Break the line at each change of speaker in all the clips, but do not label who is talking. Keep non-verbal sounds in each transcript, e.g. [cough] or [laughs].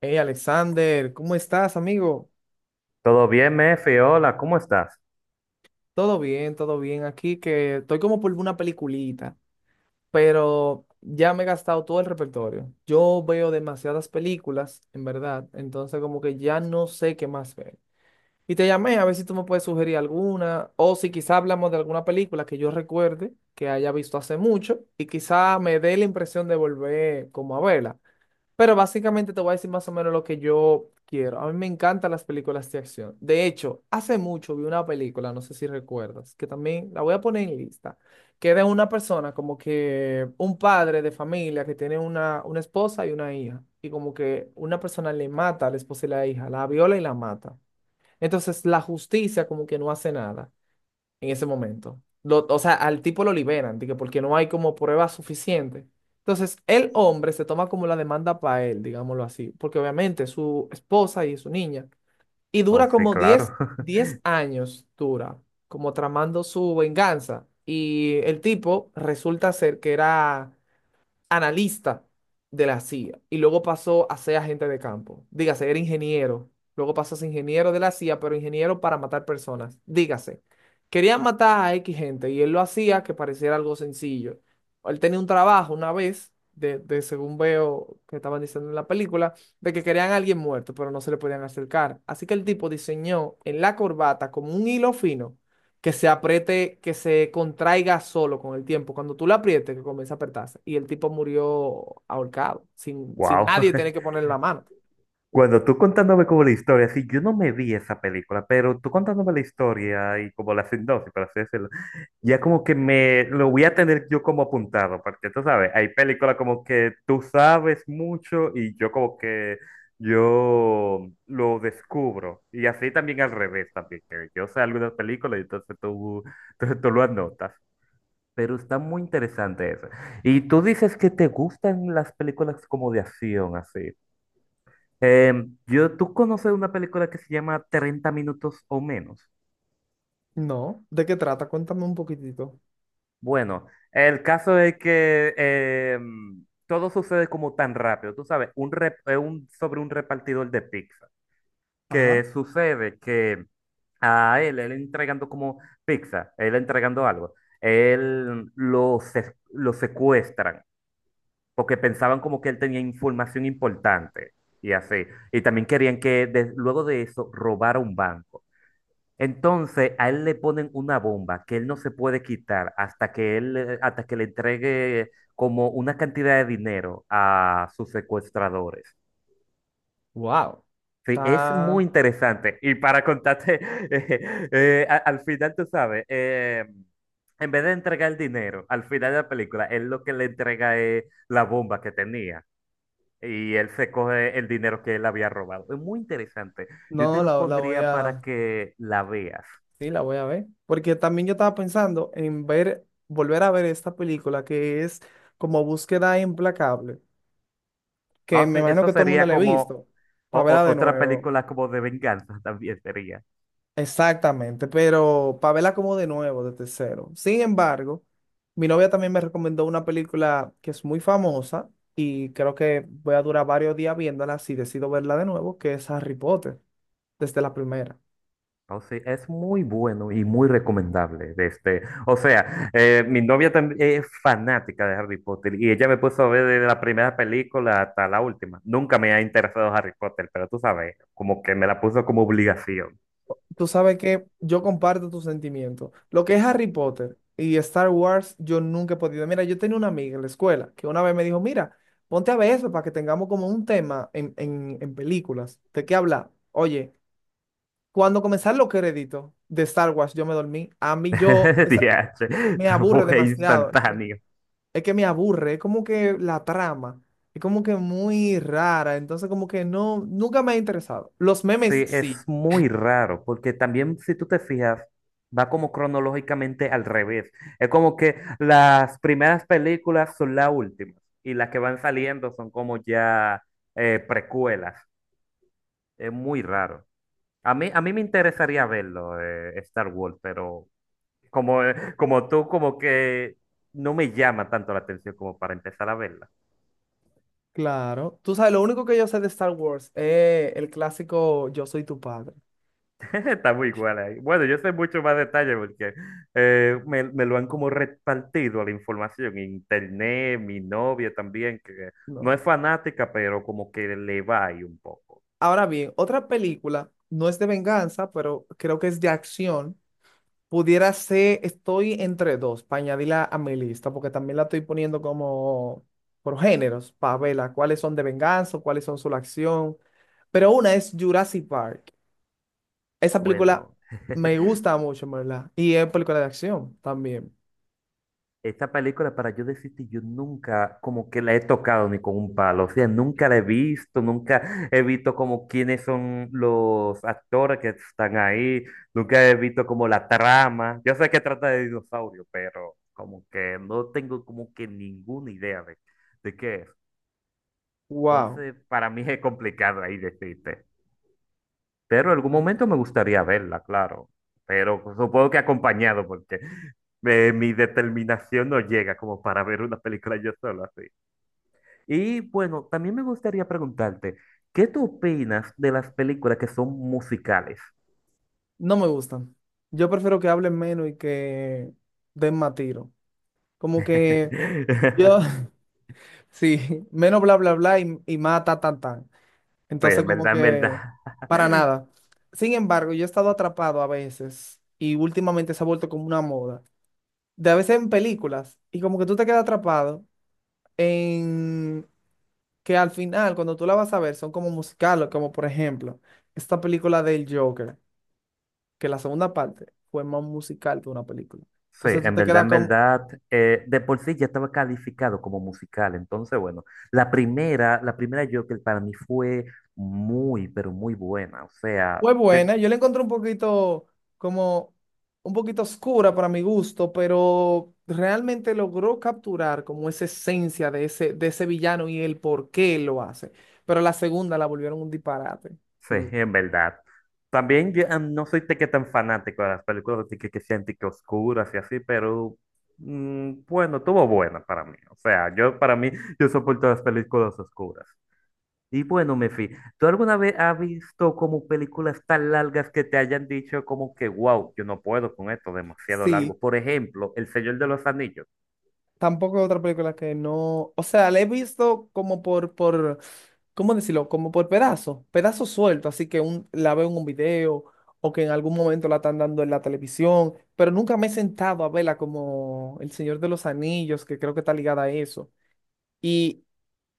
Hey Alexander, ¿cómo estás, amigo?
¿Todo bien, Mefe. Hola, ¿cómo estás?
Todo bien, todo bien. Aquí que estoy como por una peliculita, pero ya me he gastado todo el repertorio. Yo veo demasiadas películas, en verdad, entonces como que ya no sé qué más ver. Y te llamé a ver si tú me puedes sugerir alguna, o si quizá hablamos de alguna película que yo recuerde que haya visto hace mucho y quizá me dé la impresión de volver como a verla. Pero básicamente te voy a decir más o menos lo que yo quiero. A mí me encantan las películas de acción. De hecho, hace mucho vi una película, no sé si recuerdas, que también la voy a poner en lista, que era una persona como que un padre de familia que tiene una esposa y una hija. Y como que una persona le mata a la esposa y la hija, la viola y la mata. Entonces la justicia como que no hace nada en ese momento. O sea, al tipo lo liberan, de que porque no hay como prueba suficiente. Entonces, el hombre se toma como la demanda para él, digámoslo así, porque obviamente es su esposa y es su niña. Y
Oh,
dura
sí,
como diez
claro.
diez
[laughs]
años, dura, como tramando su venganza. Y el tipo resulta ser que era analista de la CIA y luego pasó a ser agente de campo. Dígase, era ingeniero. Luego pasó a ser ingeniero de la CIA, pero ingeniero para matar personas. Dígase, querían matar a X gente y él lo hacía que pareciera algo sencillo. Él tenía un trabajo una vez, de según veo que estaban diciendo en la película, de que querían a alguien muerto, pero no se le podían acercar. Así que el tipo diseñó en la corbata como un hilo fino que se apriete, que se contraiga solo con el tiempo. Cuando tú la aprietes, que comienza a apretarse. Y el tipo murió ahorcado, sin
Wow.
nadie
[laughs]
tener que poner la mano.
Cuando tú contándome como la historia, sí, yo no me vi esa película, pero tú contándome la historia y como la sinopsis, por así decirlo, ya como que me lo voy a tener yo como apuntado, porque tú sabes, hay películas como que tú sabes mucho y yo como que yo lo descubro. Y así también al revés, también, que yo sé algunas películas y entonces tú, [laughs] tú lo anotas. Pero está muy interesante eso. Y tú dices que te gustan las películas como de acción, así. Yo, ¿tú conoces una película que se llama 30 minutos o menos?
No, ¿de qué trata? Cuéntame un poquitito.
Bueno, el caso es que todo sucede como tan rápido, tú sabes, sobre un repartidor de pizza,
Ajá.
que sucede que a él, él entregando como pizza, él entregando algo, lo secuestran porque pensaban como que él tenía información importante y así. Y también querían que luego de eso robara un banco. Entonces a él le ponen una bomba que él no se puede quitar hasta que él, hasta que le entregue como una cantidad de dinero a sus secuestradores.
Wow.
Sí, es muy
Está,
interesante. Y para contarte, [laughs] al final, tú sabes, en vez de entregar el dinero, al final de la película, él lo que le entrega es la bomba que tenía. Y él se coge el dinero que él había robado. Es muy interesante. Yo te
no,
lo
la voy
pondría para
a...
que la veas.
Sí, la voy a ver. Porque también yo estaba pensando en ver, volver a ver esta película que es como Búsqueda Implacable, que
Ah,
me
sí,
imagino
eso
que todo el mundo
sería
la ha
como
visto, para verla de
otra
nuevo.
película como de venganza [laughs] también sería.
Exactamente, pero para verla como de nuevo, desde cero. Sin embargo, mi novia también me recomendó una película que es muy famosa y creo que voy a durar varios días viéndola si decido verla de nuevo, que es Harry Potter, desde la primera.
O sea, es muy bueno y muy recomendable. De este. O sea, mi novia también es fanática de Harry Potter y ella me puso a ver desde la primera película hasta la última. Nunca me ha interesado Harry Potter, pero tú sabes, como que me la puso como obligación.
Tú sabes que yo comparto tus sentimientos. Lo que es Harry Potter y Star Wars, yo nunca he podido. Mira, yo tenía una amiga en la escuela que una vez me dijo, mira, ponte a ver eso para que tengamos como un tema en películas. ¿De qué hablar? Oye. Cuando comenzaron los créditos de Star Wars, yo me dormí. A mí yo, o
[laughs]
sea,
Diache,
me aburre
fue
demasiado.
instantáneo.
Es que me aburre, es como que la trama, es como que muy rara. Entonces como que no, nunca me ha interesado. Los memes
Sí, es
sí,
muy raro, porque también si tú te fijas, va como cronológicamente al revés. Es como que las primeras películas son las últimas y las que van saliendo son como ya precuelas. Es muy raro. A mí me interesaría verlo, Star Wars, pero como, como tú, como que no me llama tanto la atención como para empezar a verla.
claro. Tú sabes, lo único que yo sé de Star Wars es el clásico Yo soy tu padre.
Está muy igual ahí. Bueno, yo sé mucho más detalle porque me lo han como repartido la información. Internet, mi novia también, que no
No.
es fanática, pero como que le va ahí un poco.
Ahora bien, otra película, no es de venganza, pero creo que es de acción. Pudiera ser, estoy entre dos, para añadirla a mi lista, porque también la estoy poniendo como por géneros, para verla, cuáles son de venganza, cuáles son su acción. Pero una es Jurassic Park. Esa película
Bueno.
me
[laughs]
gusta mucho, en ¿verdad? Y es película de acción también.
Esta película, para yo decirte, yo nunca como que la he tocado ni con un palo, o sea, nunca la he visto, nunca he visto como quiénes son los actores que están ahí, nunca he visto como la trama. Yo sé que trata de dinosaurios, pero como que no tengo como que ninguna idea de qué es.
Wow,
Entonces, para mí es complicado ahí decirte. Pero en algún momento me gustaría verla, claro. Pero pues, supongo que acompañado, porque mi determinación no llega como para ver una película yo solo así. Y bueno, también me gustaría preguntarte, ¿qué tú opinas de las películas que son musicales?
no me gustan. Yo prefiero que hablen menos y que den más tiro. Como que yo,
[laughs]
[laughs] sí, menos bla, bla, bla y más ta, tan, tan.
Sí,
Entonces,
en
como
verdad, en
que
verdad.
para
[laughs]
nada. Sin embargo, yo he estado atrapado a veces y últimamente se ha vuelto como una moda. De a veces en películas y como que tú te quedas atrapado en que al final, cuando tú la vas a ver, son como musicales, como por ejemplo esta película del Joker, que la segunda parte fue más musical que una película.
Sí,
Entonces tú te quedas
en
como,
verdad, de por sí ya estaba calificado como musical. Entonces, bueno, la primera Joker para mí fue muy, pero muy buena. O sea,
fue buena,
te-
yo la encontré un poquito como un poquito oscura para mi gusto, pero realmente logró capturar como esa esencia de ese villano y el por qué lo hace. Pero la segunda la volvieron un disparate.
sí,
En
[laughs] en verdad. También yo ah, no soy de que tan fanático de las películas de que sean de que oscuras y así, pero mm, bueno, estuvo buena para mí. O sea, yo para mí, yo soporto las películas oscuras. Y bueno, Mefi, ¿tú alguna vez has visto como películas tan largas que te hayan dicho como que, wow, yo no puedo con esto, demasiado
sí,
largo? Por ejemplo, El Señor de los Anillos.
tampoco otra película que no. O sea, la he visto como por, ¿cómo decirlo? Como por pedazos, pedazos sueltos. Así que un, la veo en un video o que en algún momento la están dando en la televisión, pero nunca me he sentado a verla como El Señor de los Anillos, que creo que está ligada a eso. Y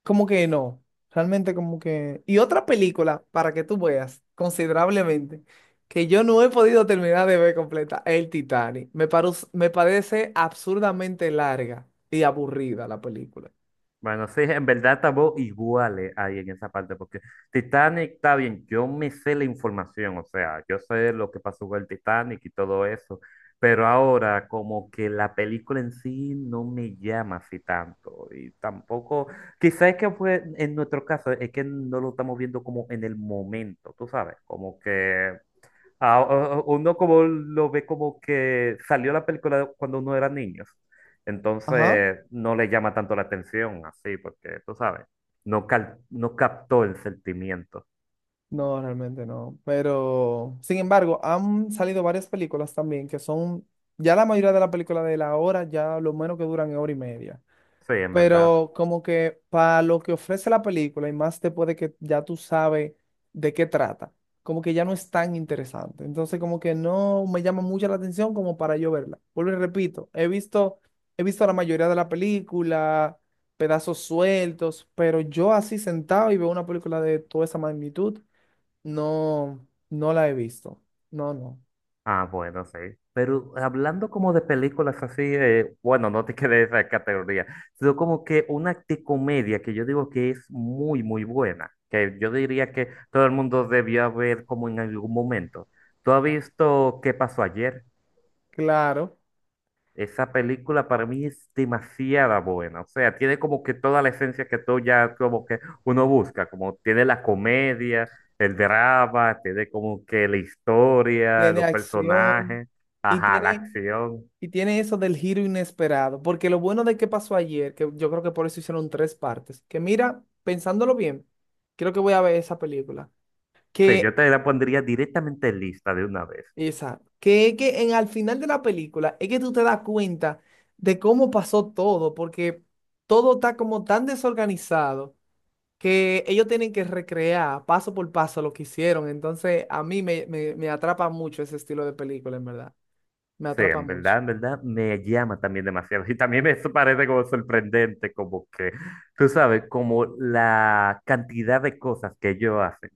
como que no, realmente como que... Y otra película, para que tú veas considerablemente, que yo no he podido terminar de ver completa, el Titanic. Me parece absurdamente larga y aburrida la película.
Bueno, sí, en verdad estamos iguales ahí en esa parte, porque Titanic está bien, yo me sé la información, o sea, yo sé lo que pasó con el Titanic y todo eso, pero ahora como que la película en sí no me llama así tanto, y tampoco, quizás es que fue en nuestro caso, es que no lo estamos viendo como en el momento, tú sabes, como que Ah, uno como lo ve como que salió la película cuando uno era niño.
Ajá.
Entonces no le llama tanto la atención así, porque tú sabes, no, no captó el sentimiento.
No, realmente no. Pero, sin embargo, han salido varias películas también que son, ya la mayoría de las películas de la hora, ya lo menos que duran es hora y media.
Sí, en verdad.
Pero como que para lo que ofrece la película y más después de que ya tú sabes de qué trata, como que ya no es tan interesante. Entonces como que no me llama mucho la atención como para yo verla. Vuelvo y repito, he visto la mayoría de la película, pedazos sueltos, pero yo así sentado y veo una película de toda esa magnitud, no, no la he visto. No, no.
Ah, bueno, sí. Pero hablando como de películas así, bueno, no te [laughs] quedé de esa categoría, sino como que una comedia que yo digo que es muy, muy buena, que yo diría que todo el mundo debió ver como en algún momento. ¿Tú has visto qué pasó ayer?
Claro,
Esa película para mí es demasiada buena, o sea, tiene como que toda la esencia que tú ya como que uno busca, como tiene la comedia, el drama, tiene como que la historia,
tiene
los
acción
personajes,
y
ajá, la
tiene...
acción.
Y tiene eso del giro inesperado, porque lo bueno de qué pasó ayer, que yo creo que por eso hicieron tres partes, que mira, pensándolo bien, creo que voy a ver esa película,
Sí,
que
yo te la pondría directamente en lista de una vez.
esa, que en al final de la película es que tú te das cuenta de cómo pasó todo, porque todo está como tan desorganizado que ellos tienen que recrear paso por paso lo que hicieron, entonces a mí me atrapa mucho ese estilo de película, en verdad, me
Sí,
atrapa mucho.
en verdad, me llama también demasiado. Y también me eso parece como sorprendente, como que, tú sabes, como la cantidad de cosas que ellos hacen.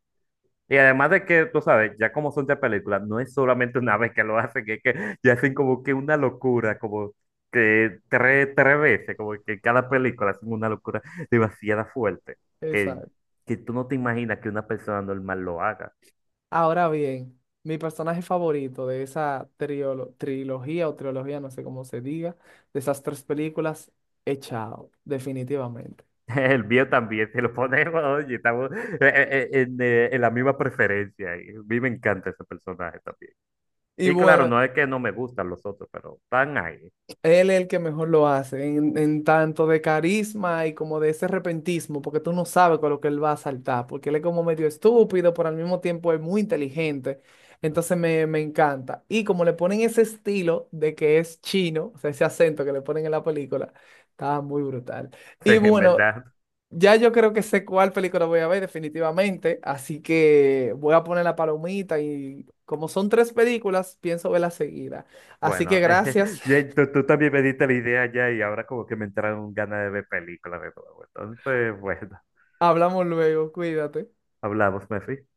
Y además de que, tú sabes, ya como son ya películas, no es solamente una vez que lo hacen, es que ya hacen como que una locura, como que tres veces, como que cada película hacen una locura demasiado fuerte, que,
Exacto.
que tú no te imaginas que una persona normal lo haga.
Ahora bien, mi personaje favorito de esa trilogía o trilogía, no sé cómo se diga, de esas tres películas, es Chao, definitivamente.
[laughs] El mío también, si lo ponemos, oye, estamos en la misma preferencia. Y a mí me encanta ese personaje también.
Y
Y claro,
bueno,
no es que no me gustan los otros, pero están ahí. [laughs]
él es el que mejor lo hace, en tanto de carisma y como de ese repentismo, porque tú no sabes con lo que él va a saltar, porque él es como medio estúpido, pero al mismo tiempo es muy inteligente. Entonces me encanta. Y como le ponen ese estilo de que es chino, o sea, ese acento que le ponen en la película, está muy brutal.
Sí,
Y
en
bueno,
verdad.
ya yo creo que sé cuál película voy a ver definitivamente, así que voy a poner la palomita y como son tres películas, pienso verla seguida. Así que
Bueno, [laughs]
gracias,
tú también me diste la idea ya y ahora como que me entraron ganas de ver películas de nuevo. Entonces, [laughs] bueno,
[laughs] hablamos luego, cuídate.
hablamos, Messi.